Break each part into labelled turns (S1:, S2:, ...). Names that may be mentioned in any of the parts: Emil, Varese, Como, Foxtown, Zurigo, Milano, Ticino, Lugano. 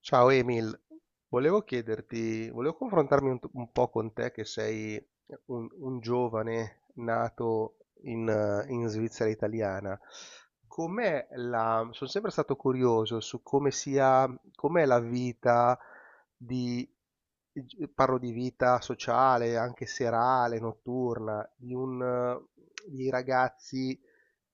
S1: Ciao Emil, volevo chiederti, volevo confrontarmi un po' con te che sei un giovane nato in Svizzera italiana. Sono sempre stato curioso su come sia, com'è la vita di, parlo di vita sociale, anche serale, notturna, di ragazzi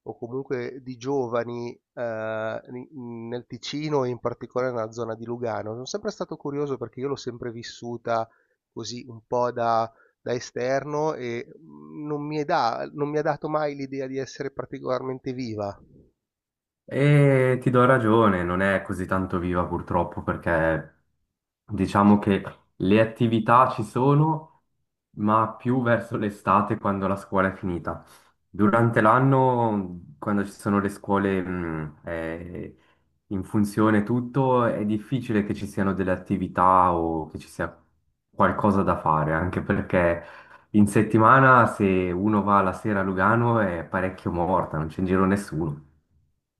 S1: o comunque di giovani nel Ticino e in particolare nella zona di Lugano. Sono sempre stato curioso perché io l'ho sempre vissuta così un po' da esterno e non mi è non mi ha dato mai l'idea di essere particolarmente viva.
S2: E ti do ragione, non è così tanto viva purtroppo perché diciamo che le attività ci sono, ma più verso l'estate quando la scuola è finita. Durante l'anno, quando ci sono le scuole in funzione tutto, è difficile che ci siano delle attività o che ci sia qualcosa da fare, anche perché in settimana se uno va la sera a Lugano è parecchio morta, non c'è in giro nessuno.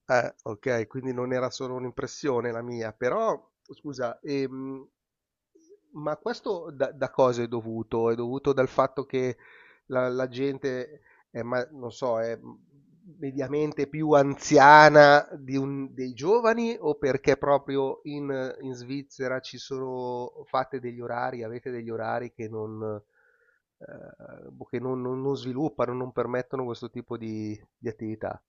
S1: Okay, quindi non era solo un'impressione la mia, però scusa, ma questo da cosa è dovuto? È dovuto dal fatto che la gente è, ma non so, è, mediamente più anziana di un dei giovani, o perché proprio in Svizzera ci sono, fate degli orari, avete degli orari che non boh, che non sviluppano, non permettono questo tipo di attività?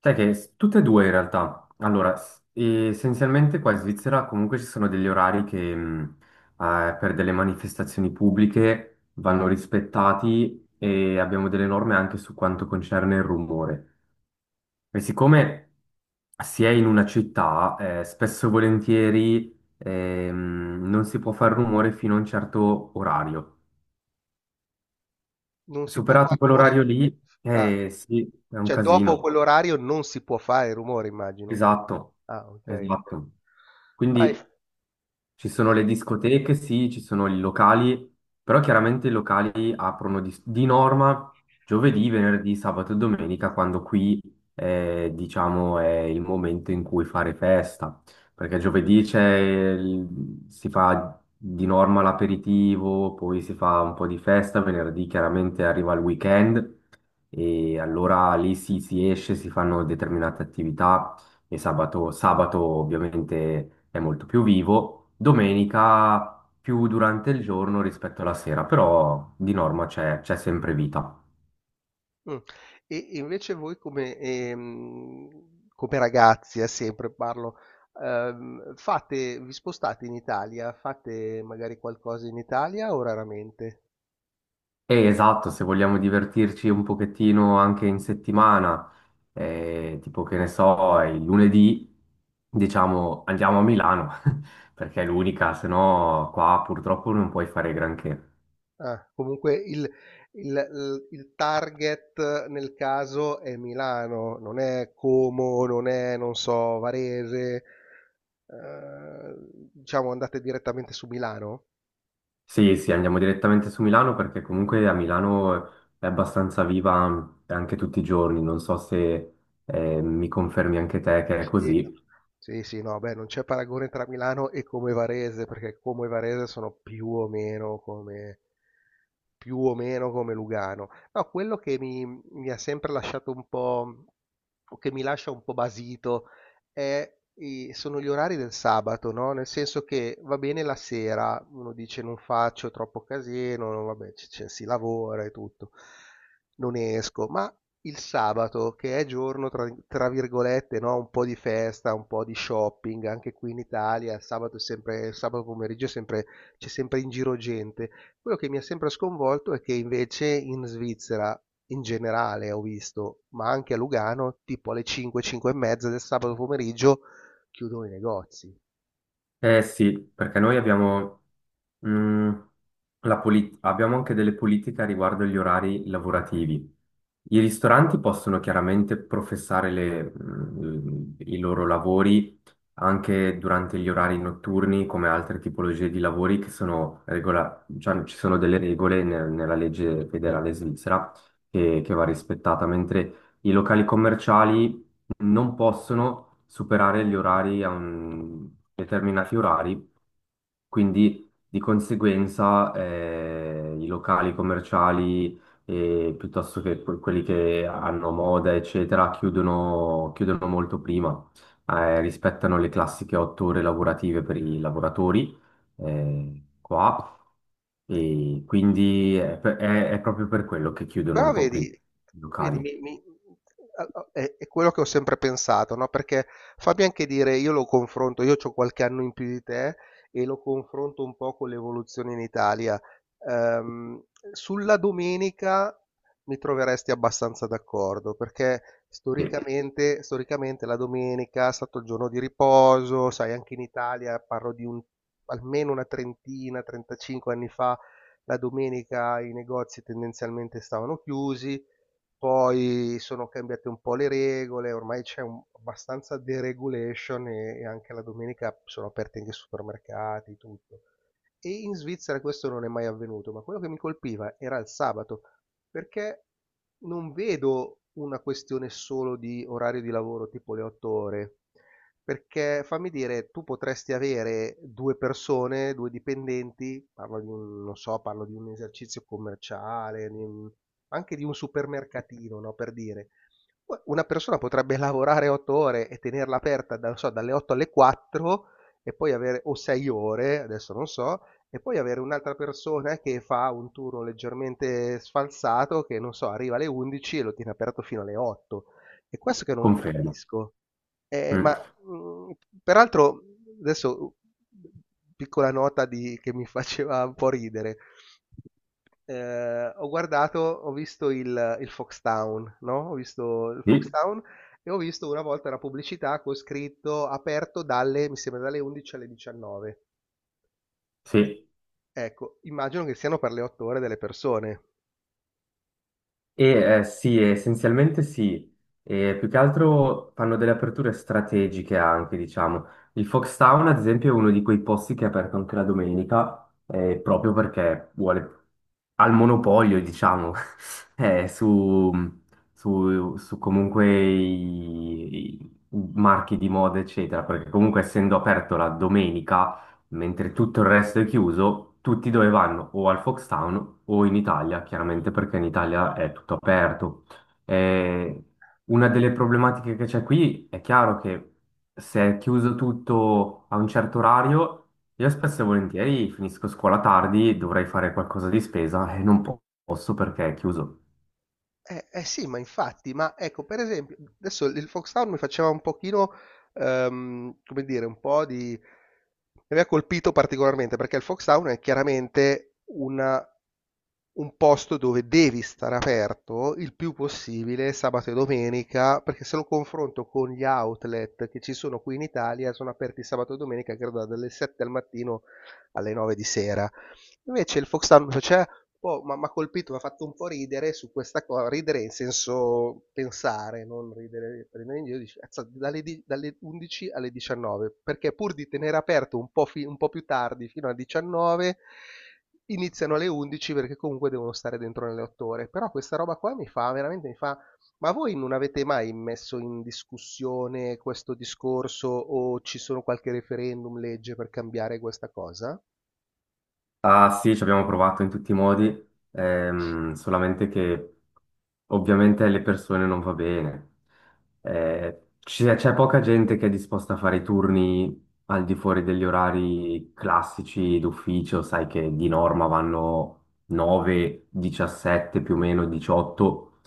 S2: Sai che tutte e due in realtà. Allora, essenzialmente qua in Svizzera comunque ci sono degli orari che per delle manifestazioni pubbliche vanno rispettati e abbiamo delle norme anche su quanto concerne il rumore. E siccome si è in una città, spesso e volentieri non si può fare rumore fino a un certo orario.
S1: Non si può
S2: Superato
S1: far rumore?
S2: quell'orario lì,
S1: Ah,
S2: sì, è un
S1: cioè dopo
S2: casino.
S1: quell'orario non si può fare rumore, immagino.
S2: Esatto,
S1: Ah, ok. Ok.
S2: esatto.
S1: Vai.
S2: Quindi ci
S1: Ci
S2: sono
S1: sta.
S2: le discoteche, sì, ci sono i locali, però chiaramente i locali aprono di norma giovedì, venerdì, sabato e domenica, quando qui diciamo è il momento in cui fare festa, perché giovedì c'è si fa di norma l'aperitivo, poi si fa un po' di festa, venerdì chiaramente arriva il weekend e allora lì si esce, si fanno determinate attività. E sabato, sabato ovviamente è molto più vivo, domenica più durante il giorno rispetto alla sera, però di norma c'è sempre vita.
S1: Mm. E invece voi come ragazzi, sempre parlo, vi spostate in Italia, fate magari qualcosa in Italia o raramente?
S2: Esatto, se vogliamo divertirci un pochettino anche in settimana, tipo che ne so, il lunedì, diciamo andiamo a Milano, perché è l'unica, se no qua purtroppo non puoi fare granché.
S1: Ah, comunque il target nel caso è Milano, non è Como, non è, non so, Varese, ehm, diciamo andate direttamente su Milano?
S2: Sì, sì, andiamo direttamente su Milano perché comunque a Milano è abbastanza viva anche tutti i giorni. Non so se mi confermi anche te che è
S1: Sì,
S2: così.
S1: sì, sì, no, beh, non c'è paragone tra Milano e Como e Varese, perché Como e Varese sono più o meno come Lugano. No, quello che mi ha sempre lasciato un po', o che mi lascia un po' basito, è sono gli orari del sabato, no? Nel senso che va bene la sera, uno dice non faccio troppo casino, vabbè, si lavora e tutto, non esco, ma il sabato, che è giorno tra virgolette, no? Un po' di festa, un po' di shopping, anche qui in Italia, il sabato, il sabato pomeriggio c'è sempre in giro gente. Quello che mi ha sempre sconvolto è che invece in Svizzera, in generale ho visto, ma anche a Lugano, tipo alle 5, 5 e mezza del sabato pomeriggio chiudono i negozi.
S2: Eh sì, perché noi abbiamo, mm, abbiamo anche delle politiche riguardo agli orari lavorativi. I ristoranti possono chiaramente professare i loro lavori anche durante gli orari notturni, come altre tipologie di lavori che sono cioè, ci sono delle regole nella legge federale svizzera che va rispettata, mentre i locali commerciali non possono superare gli orari determinati orari, quindi di conseguenza i locali commerciali piuttosto che quelli che hanno moda, eccetera, chiudono molto prima, rispettano le classiche otto ore lavorative per i lavoratori qua. E quindi è proprio per quello che chiudono un
S1: Però
S2: po' prima
S1: vedi,
S2: i
S1: vedi,
S2: locali.
S1: è quello che ho sempre pensato, no? Perché fammi anche dire, io lo confronto, io ho qualche anno in più di te e lo confronto un po' con l'evoluzione in Italia. Ehm, Sulla domenica mi troveresti abbastanza d'accordo, perché
S2: Sì,
S1: storicamente, storicamente la domenica è stato il giorno di riposo, sai, anche in Italia parlo di un, almeno una trentina, 35 anni fa la domenica i negozi tendenzialmente stavano chiusi, poi sono cambiate un po' le regole, ormai c'è abbastanza deregulation e anche la domenica sono aperti anche i supermercati, tutto. E in Svizzera questo non è mai avvenuto, ma quello che mi colpiva era il sabato, perché non vedo una questione solo di orario di lavoro tipo le 8 ore, perché fammi dire, tu potresti avere due persone, due dipendenti, parlo di un, non so, parlo di un esercizio commerciale, anche di un supermercatino, no, per dire. Una persona potrebbe lavorare 8 ore e tenerla aperta, non so, dalle 8 alle 4 e poi avere, o 6 ore, adesso non so, e poi avere un'altra persona che fa un turno leggermente sfalsato, che non so, arriva alle 11 e lo tiene aperto fino alle 8. È questo che non
S2: confermo.
S1: capisco. Ma
S2: Mm.
S1: mh, peraltro, adesso piccola nota che mi faceva un po' ridere. Ho guardato, ho visto il Foxtown, no? Ho visto il
S2: Sì,
S1: Foxtown e ho visto una volta una pubblicità con scritto aperto dalle, mi sembra, dalle 11 alle 19.
S2: sì.
S1: Ecco, immagino che siano per le 8 ore delle persone.
S2: E, sì, essenzialmente sì. E più che altro fanno delle aperture strategiche anche, diciamo. Il Foxtown, ad esempio, è uno di quei posti che è aperto anche la domenica, proprio perché vuole al monopolio, diciamo, eh, su, su comunque i marchi di moda, eccetera, perché comunque essendo aperto la domenica mentre tutto il resto è chiuso, tutti dove vanno? O al Foxtown o in Italia, chiaramente perché in Italia è tutto aperto. Eh, una delle problematiche che c'è qui è chiaro che se è chiuso tutto a un certo orario, io spesso e volentieri finisco scuola tardi, dovrei fare qualcosa di spesa e non posso perché è chiuso.
S1: Eh sì, ma infatti, ma ecco, per esempio, adesso il Foxhound mi faceva un pochino, come dire, mi aveva colpito particolarmente perché il Foxhound è chiaramente un posto dove devi stare aperto il più possibile sabato e domenica, perché se lo confronto con gli outlet che ci sono qui in Italia, sono aperti sabato e domenica, credo dalle 7 al mattino alle 9 di sera. Invece il Foxhound mi faceva, Po', m'ha colpito, m'ha fatto un po' ridere su questa co ridere in senso pensare, non ridere prendere in giro, dici: "Azzà, dalle 11 alle 19", perché pur di tenere aperto un po' più tardi fino alle 19, iniziano alle 11 perché comunque devono stare dentro nelle 8 ore. Però questa roba qua mi fa: "Ma voi non avete mai messo in discussione questo discorso o ci sono qualche referendum, legge per cambiare questa cosa?"
S2: Ah sì, ci abbiamo provato in tutti i modi, solamente che ovviamente alle persone non va bene. C'è poca gente che è disposta a fare i turni al di fuori degli orari classici d'ufficio. Sai che di norma vanno 9, 17 più o meno, 18,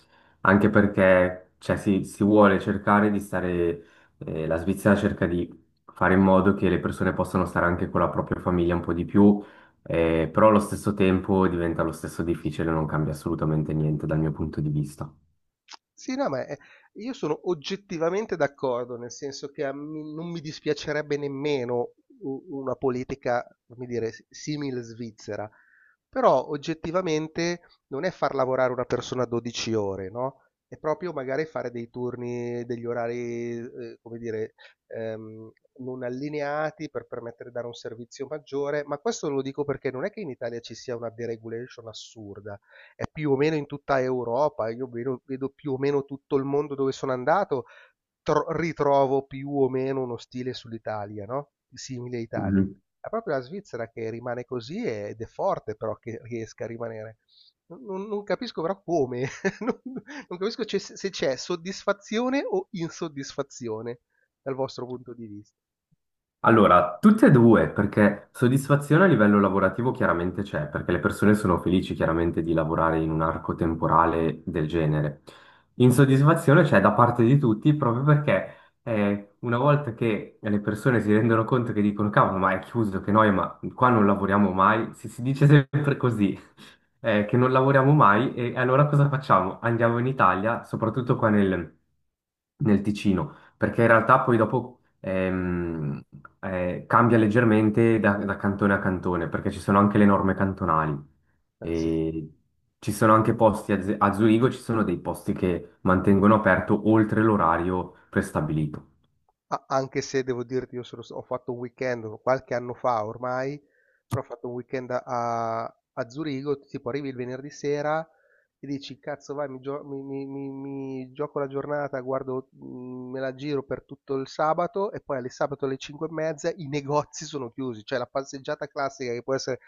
S2: anche perché cioè, si si vuole cercare di stare, la Svizzera cerca di fare in modo che le persone possano stare anche con la propria famiglia un po' di più, però allo stesso tempo diventa lo stesso difficile, non cambia assolutamente niente dal mio punto di vista.
S1: Sì, no, ma, io sono oggettivamente d'accordo, nel senso che a mi non mi dispiacerebbe nemmeno u una politica, come dire, simil Svizzera, però oggettivamente non è far lavorare una persona 12 ore, no, è proprio magari fare dei turni, degli orari, come dire, ehm, non allineati per permettere di dare un servizio maggiore, ma questo lo dico perché non è che in Italia ci sia una deregulation assurda, è più o meno in tutta Europa. Io vedo, più o meno tutto il mondo dove sono andato, ritrovo più o meno uno stile sull'Italia, no? Simile a Italia.
S2: Mhm.
S1: È proprio la Svizzera che rimane così ed è forte però che riesca a rimanere. Non capisco però come, non, non capisco se c'è soddisfazione o insoddisfazione dal vostro punto di vista.
S2: Allora, tutte e due, perché soddisfazione a livello lavorativo chiaramente c'è, perché le persone sono felici chiaramente di lavorare in un arco temporale del genere. Insoddisfazione c'è da parte di tutti proprio perché una volta che le persone si rendono conto che dicono cavolo, ma è chiuso, che noi, ma qua non lavoriamo mai, si dice sempre così, che non lavoriamo mai e allora cosa facciamo? Andiamo in Italia, soprattutto qua nel Ticino, perché in realtà poi dopo cambia leggermente da cantone a cantone, perché ci sono anche le norme cantonali.
S1: Eh sì.
S2: E ci sono anche posti a Zurigo, ci sono dei posti che mantengono aperto oltre l'orario prestabilito.
S1: Anche se devo dirti, ho fatto un weekend qualche anno fa ormai, però ho fatto un weekend a Zurigo, tipo arrivi il venerdì sera e dici, cazzo vai, mi, gio- mi- mi- mi- mi gioco la giornata, guardo, me la giro per tutto il sabato e poi alle sabato alle 5 e mezza i negozi sono chiusi, cioè la passeggiata classica che può essere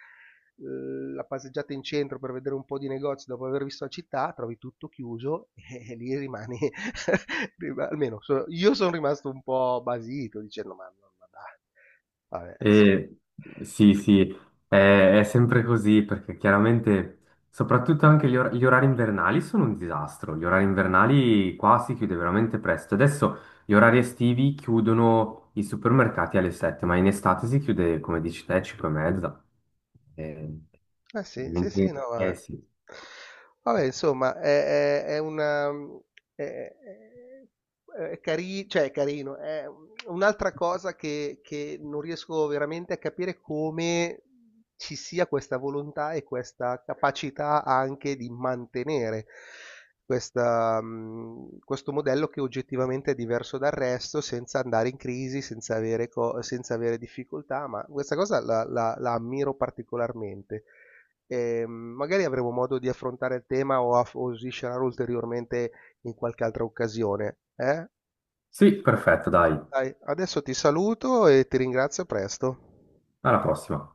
S1: la passeggiata in centro per vedere un po' di negozi dopo aver visto la città, trovi tutto chiuso. E lì rimani. Almeno io sono rimasto un po' basito dicendo ma, dai, vabbè, insomma.
S2: E sì, sì, è sempre così perché chiaramente, soprattutto anche gli orari invernali sono un disastro. Gli orari invernali qua si chiude veramente presto. Adesso gli orari estivi chiudono i supermercati alle 7, ma in estate si chiude, come dici te, 5 e mezza. Eh,
S1: Eh sì, sì, sì, no,
S2: eh
S1: ma.
S2: sì.
S1: Vabbè, insomma, È, cioè, è carino, è un'altra cosa che non riesco veramente a capire come ci sia questa volontà e questa capacità anche di mantenere questa, questo modello che oggettivamente è diverso dal resto, senza andare in crisi, senza avere difficoltà, ma questa cosa la ammiro particolarmente e magari avremo modo di affrontare il tema o, o sviscerare ulteriormente in qualche altra occasione. Eh?
S2: Sì, perfetto, dai.
S1: Dai, adesso ti saluto e ti ringrazio, a presto.
S2: Alla prossima.